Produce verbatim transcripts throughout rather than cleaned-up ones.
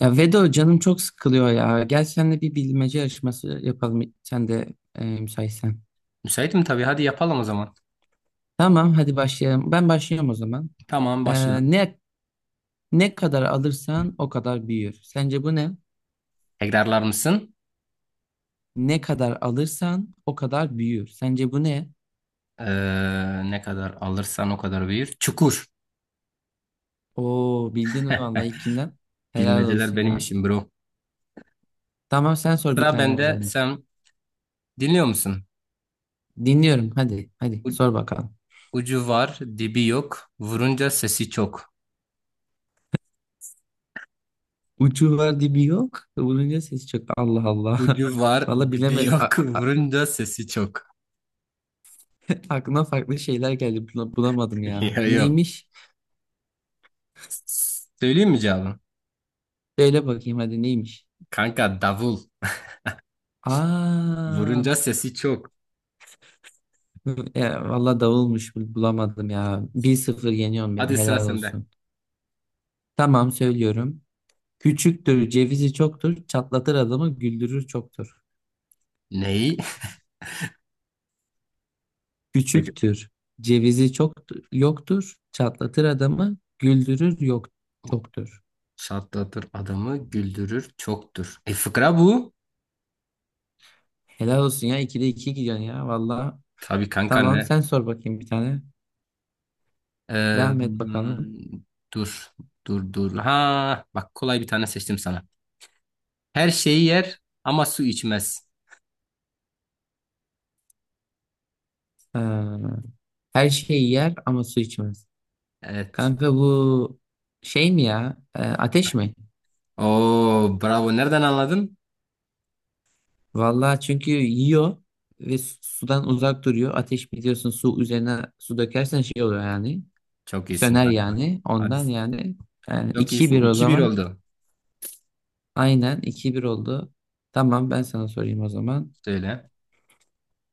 Ya Vedo canım çok sıkılıyor ya. Gel seninle bir bilmece yarışması yapalım. Sen de e, müsaitsen. Müsaitim tabii. Hadi yapalım o zaman. Tamam hadi başlayalım. Ben başlıyorum o zaman. Tamam başla. Ee, ne ne kadar alırsan o kadar büyür. Sence bu ne? Tekrarlar mısın? Ne kadar alırsan o kadar büyür. Sence bu ne? Ee, Ne kadar alırsan o kadar büyür. Çukur. Oo bildin vallahi ilkinden. Helal Bilmeceler olsun benim ya. işim bro. Tamam sen sor bir Sıra tane o bende. zaman. Sen dinliyor musun? Dinliyorum hadi hadi U- sor bakalım. Ucu var, dibi yok. Vurunca sesi çok. Ucu var dibi yok. Vurunca ses çok. Allah Allah. Ucu var, Vallahi dibi bilemedim. yok. A- a- Vurunca sesi çok. Aklıma farklı şeyler geldi. Bula- bulamadım Yok ya. yok. Neymiş? Söyleyeyim mi cevabı? Söyle bakayım hadi neymiş? Kanka davul. Aa, Vurunca sesi çok. ya, valla davulmuş bul- bulamadım ya. Bir sıfır yeniyorsun beni Hadi sıra helal sende. olsun. Tamam söylüyorum. Küçüktür cevizi çoktur çatlatır adamı güldürür çoktur. Neyi? Küçüktür cevizi çok yoktur çatlatır adamı güldürür yok çoktur. Şatlatır adamı güldürür çoktur. E fıkra bu. Helal olsun ya ikide iki gidiyorsun ya valla. Tabii kanka Tamam ne? sen sor bakayım bir tane. Ee, Devam et bakalım. hmm, Dur, dur, dur. Ha, bak kolay bir tane seçtim sana. Her şeyi yer ama su içmez. Ee, Her şeyi yer ama su içmez. Evet. Kanka bu şey mi ya? E, ateş mi? Oo, bravo. Nereden anladın? Vallahi çünkü yiyor ve su- sudan uzak duruyor. Ateş biliyorsun su üzerine su dökersen şey oluyor yani. Çok iyisin Söner kanka. yani. Hadi. Ondan yani. Yani Çok iyisin. iki bir o İki bir zaman. oldu. Aynen iki bir oldu. Tamam ben sana sorayım o zaman. Söyle.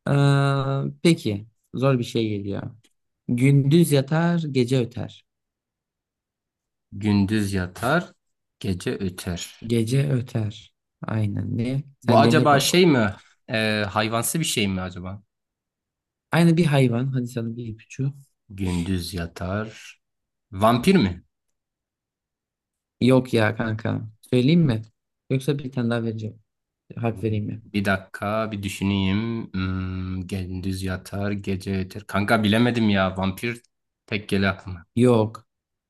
Ee, peki zor bir şey geliyor. Gündüz yatar, gece öter. Gündüz yatar, gece öter. Gece öter. Aynen ne? Bu Sence ne acaba bu? şey mi? Ee, hayvansı bir şey mi acaba? Aynı bir hayvan. Hadi sana bir ipucu. Gündüz yatar. Vampir mi? Yok ya kanka. Söyleyeyim mi? Yoksa bir tane daha vereceğim. Harf vereyim mi? Bir dakika bir düşüneyim. Hmm, gündüz yatar, gece yeter. Kanka bilemedim ya. Vampir pek geliyor aklıma. Yok.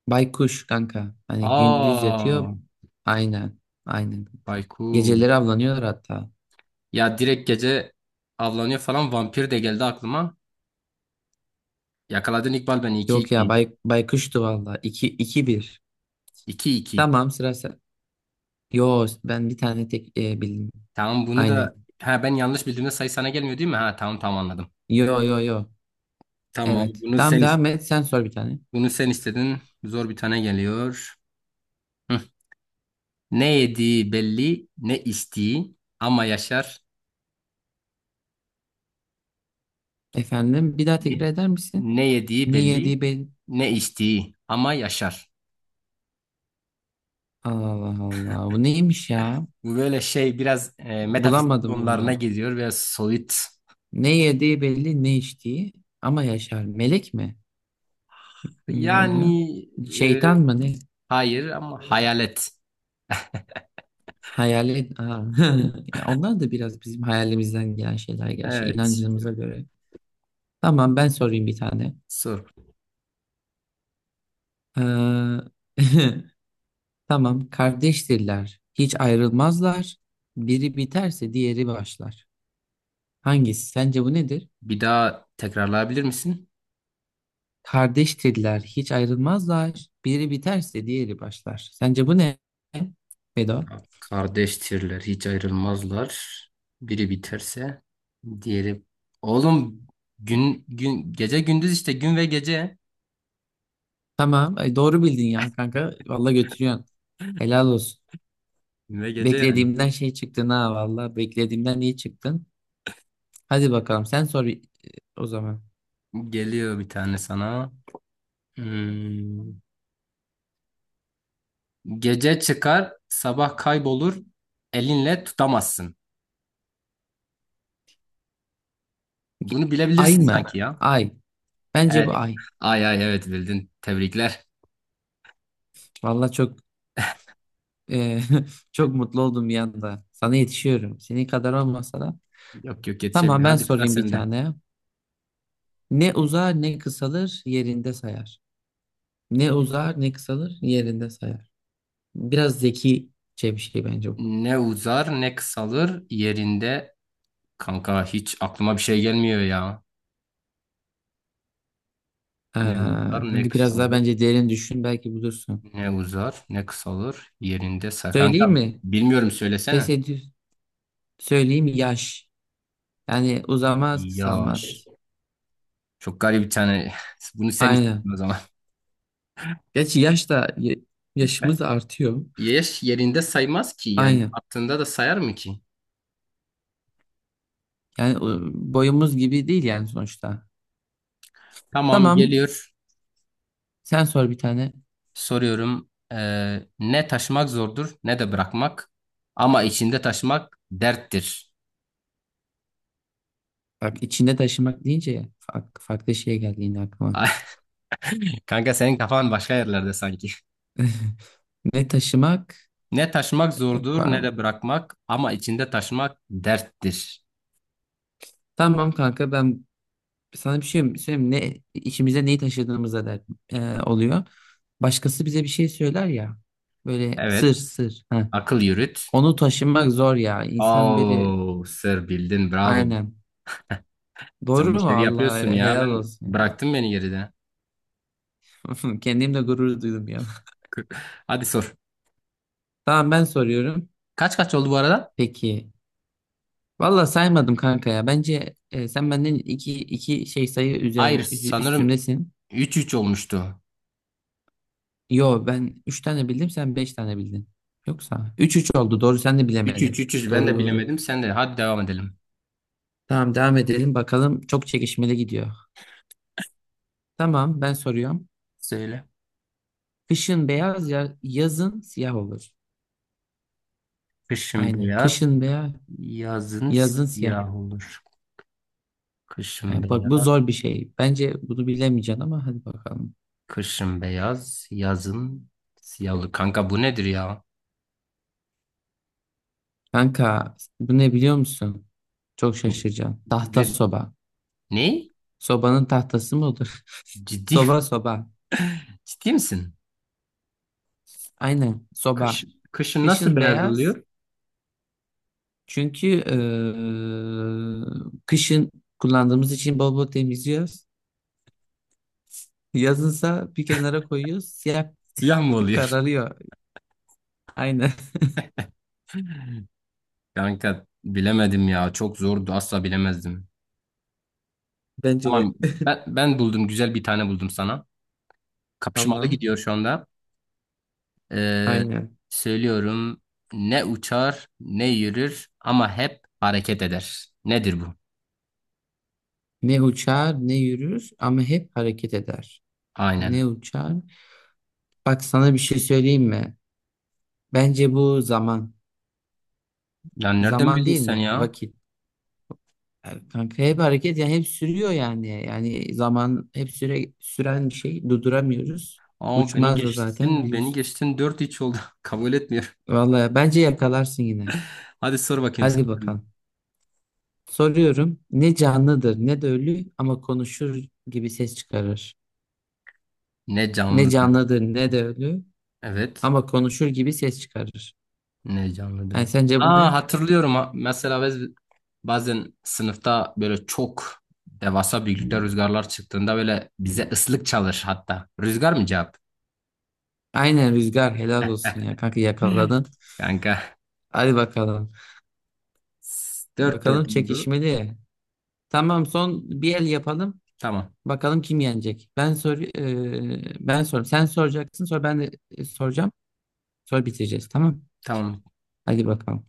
Baykuş kanka. Hani gündüz yatıyor. Aa, Aynen. Aynen. Baykul. Geceleri avlanıyorlar hatta. Ya direkt gece avlanıyor falan vampir de geldi aklıma. Yakaladın İkbal beni iki Yok ya iki bay, baykuştu valla. İki iki bir. iki iki. Tamam sıra sen. Yo ben bir tane tek e, bildim. Tamam bunu Aynen. da ha ben yanlış bildiğimde sayı sana gelmiyor değil mi? Ha tamam tamam anladım. Yo yo yo. Tamam Evet. bunu Tamam sen is- devam et. Sen sor bir tane. bunu sen istedin. Zor bir tane geliyor. Hı. Ne yediği belli, ne içtiği ama yaşar. Efendim bir daha tekrar Ye- eder misin? Ne yediği Ne belli, yediği belli. ne içtiği ama yaşar. Allah Allah. Bu neymiş ya? Bu böyle şey biraz e, metafizik Bulamadım konularına bunu. gidiyor ve soyut. Ne yediği belli, ne içtiği. Ama yaşar. Melek mi? Ne Yani oluyor? e, Şeytan mı ne? hayır ama hayalet. Hayalet. Aa. Ya onlar da biraz bizim hayalimizden gelen şeyler gerçi. Evet. İnancımıza göre. Tamam ben sorayım bir tane. Sor. Ee, Tamam kardeştirler. Hiç ayrılmazlar. Biri biterse diğeri başlar. Hangisi? Sence bu nedir? Bir daha tekrarlayabilir misin? Kardeştirler, hiç ayrılmazlar. Biri biterse diğeri başlar. Sence bu ne? Vedat? Kardeştirler, hiç ayrılmazlar. Biri biterse diğeri. Oğlum gün gün gece gündüz işte gün ve gece. Tamam, ay doğru bildin ya kanka. Vallahi götürüyorsun. Helal olsun. Gün ve gece yani. Beklediğimden şey çıktın ha vallahi. Beklediğimden iyi çıktın. Hadi bakalım sen sor e, o zaman. Geliyor bir tane sana. Hmm. Gece çıkar, sabah kaybolur, elinle tutamazsın. Bunu Ay bilebilirsin mı? sanki ya. Ay. Bence Evet. bu ay. Ay ay evet bildin. Tebrikler. Vallahi çok e, çok mutlu oldum bir anda. Sana yetişiyorum. Senin kadar olmasa da. Yok yok yetişebilir. Tamam ben Hadi sıra sorayım bir sende. tane. Ne uzar ne kısalır yerinde sayar. Ne uzar ne kısalır yerinde sayar. Biraz zekice bir şey bence bu. Ne uzar ne kısalır yerinde. Kanka hiç aklıma bir şey gelmiyor ya. Ee, Ne uzar kanka ne biraz daha kısalır. bence derin düşün belki bulursun. Ne uzar ne kısalır yerinde. sa- Kanka Söyleyeyim mi? bilmiyorum Pes söylesene. ediyor. Söyleyeyim mi? Yaş. Yani uzamaz Yaş. kısalmaz. Çok garip bir tane. Bunu sen Aynen. istedin o zaman. Gerçi yaş da ya- yaşımız artıyor. Yaş yerinde saymaz ki yani Aynen. attığında da sayar mı ki? Yani o- boyumuz gibi değil yani sonuçta. Tamam Tamam. geliyor. Sen sor bir tane. Soruyorum. Ee, ne taşımak zordur ne de bırakmak. Ama içinde taşımak derttir. Bak içinde taşımak deyince ya, fark- farklı şey geldi yine aklıma. Kanka senin kafan başka yerlerde sanki. Ne taşımak? Ne taşımak E, zordur ne pa- de bırakmak. Ama içinde taşımak derttir. Tamam kanka ben sana bir şey söyleyeyim. Ne, içimize neyi taşıdığımıza der, e, oluyor. Başkası bize bir şey söyler ya. Böyle Evet. sır sır. Ha, Akıl yürüt. onu taşımak zor ya. İnsan böyle Oo, sır bildin bravo. aynen. Sen bu Doğru mu? işleri Allah yapıyorsun ya. helal Ben olsun bıraktım beni geride. ya. Kendimle gurur duydum ya. Hadi sor. Tamam ben soruyorum. Kaç kaç oldu bu arada? Peki. Valla saymadım kanka ya. Bence e, sen benden iki, iki şey sayı üzer, Hayır üz- sanırım üstümdesin. üç üç olmuştu. Yo ben üç tane bildim sen beş tane bildin. Yoksa üç üç oldu doğru sen de 300 bilemedin. 300 ben Doğru de doğru. bilemedim. Sen de hadi devam edelim. Tamam devam edelim bakalım. Çok çekişmeli gidiyor. Tamam ben soruyorum. Söyle. Kışın beyaz ya yazın siyah olur. Kışın Aynen. beyaz, Kışın beyaz yazın yazın siyah. siyah olur. Kışın Aynen. Bak bu beyaz, zor bir şey. Bence bunu bilemeyeceksin ama hadi bakalım. kışın beyaz, yazın siyah olur. Kanka bu nedir ya? Kanka bu ne biliyor musun? Çok şaşıracaksın. Tahta Ne? soba. Ne? Sobanın tahtası mı olur? Ciddi, Soba soba. ciddi misin? Aynen Kış, soba. Kışın nasıl Kışın beyaz beyaz oluyor? çünkü eee, kışın kullandığımız için bol bol temizliyoruz. Yazınsa bir kenara koyuyoruz. Siyah Siyah mı oluyor? kararıyor. Aynen. Kanka bilemedim ya. Çok zordu. Asla bilemezdim. Bence Tamam de. ben ben buldum. Güzel bir tane buldum sana. Kapışmalı Tamam. gidiyor şu anda. Ee, Aynen. Söylüyorum ne uçar ne yürür ama hep hareket eder. Nedir bu? Ne uçar ne yürür ama hep hareket eder. Ne Aynen. uçar? Bak sana bir şey söyleyeyim mi? Bence bu zaman. Ya nereden Zaman bildin değil sen mi? ya? Vakit. Yani kanka hep hareket yani hep sürüyor yani. Yani zaman hep süre, süren bir şey. Durduramıyoruz. Aa beni Uçmaz da zaten geçtin, beni biliyorsun. geçtin dört hiç oldu. Kabul etmiyorum. Vallahi bence yakalarsın yine. Hadi sor bakayım Hadi sen. bakalım. Soruyorum. Ne canlıdır ne de ölü ama konuşur gibi ses çıkarır. Ne Ne canlıdır? canlıdır ne de ölü Evet. ama konuşur gibi ses çıkarır. Ne Yani canlıdır? sence bu Aa ne? hatırlıyorum. Ha- Mesela biz bazen sınıfta böyle çok devasa büyüklükte rüzgarlar çıktığında böyle bize ıslık çalır hatta. Rüzgar mı cevap? Aynen rüzgar helal olsun ya kanka yakaladın. Kanka. Hadi bakalım. Dört Bakalım dört oldu. çekişmeli. Tamam son bir el yapalım. Tamam. Bakalım kim yenecek. Ben sor e, ben sor. Sen soracaksın sonra ben de e, soracağım. Sonra bitireceğiz tamam. Tamam. Hadi bakalım.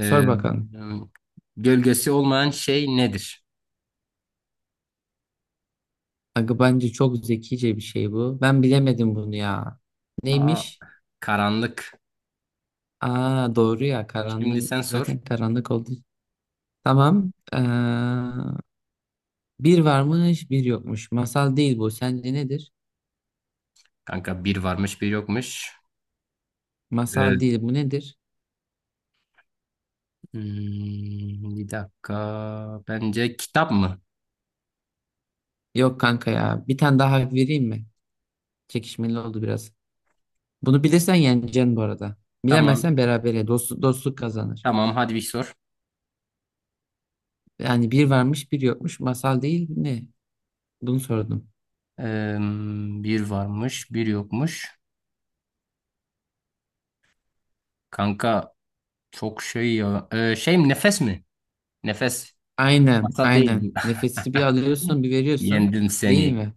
Sor bakalım. Gölgesi olmayan şey nedir? Aga bence çok zekice bir şey bu. Ben bilemedim bunu ya. Aa, Neymiş? karanlık. Aa doğru ya Şimdi karanlık. sen sor. Zaten karanlık oldu. Tamam. Ee, bir varmış bir yokmuş. Masal değil bu. Sence nedir? Kanka bir varmış bir yokmuş. Ee, Masal değil bu nedir? Hmm, bir dakika. Bence kitap mı? Yok kanka ya. Bir tane daha hak vereyim mi? Çekişmeli oldu biraz. Bunu bilirsen yeneceksin bu arada. Tamam. Bilemezsen berabere. Dost, dostluk kazanır. Tamam hadi bir sor. Yani bir varmış bir yokmuş. Masal değil ne? Bunu sordum. Ee, Bir varmış bir yokmuş. Kanka çok şey ya. Ee, şey mi nefes mi? Nefes. Aynen, Masal değil aynen. bu. Nefesi bir alıyorsun, bir veriyorsun. Yendim Değil seni. mi?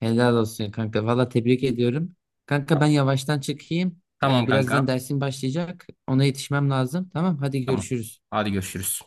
Helal olsun kanka. Valla tebrik ediyorum. Kanka ben yavaştan çıkayım. Tamam Ee, birazdan kanka. dersim başlayacak. Ona yetişmem lazım. Tamam, hadi Tamam. görüşürüz. Hadi görüşürüz.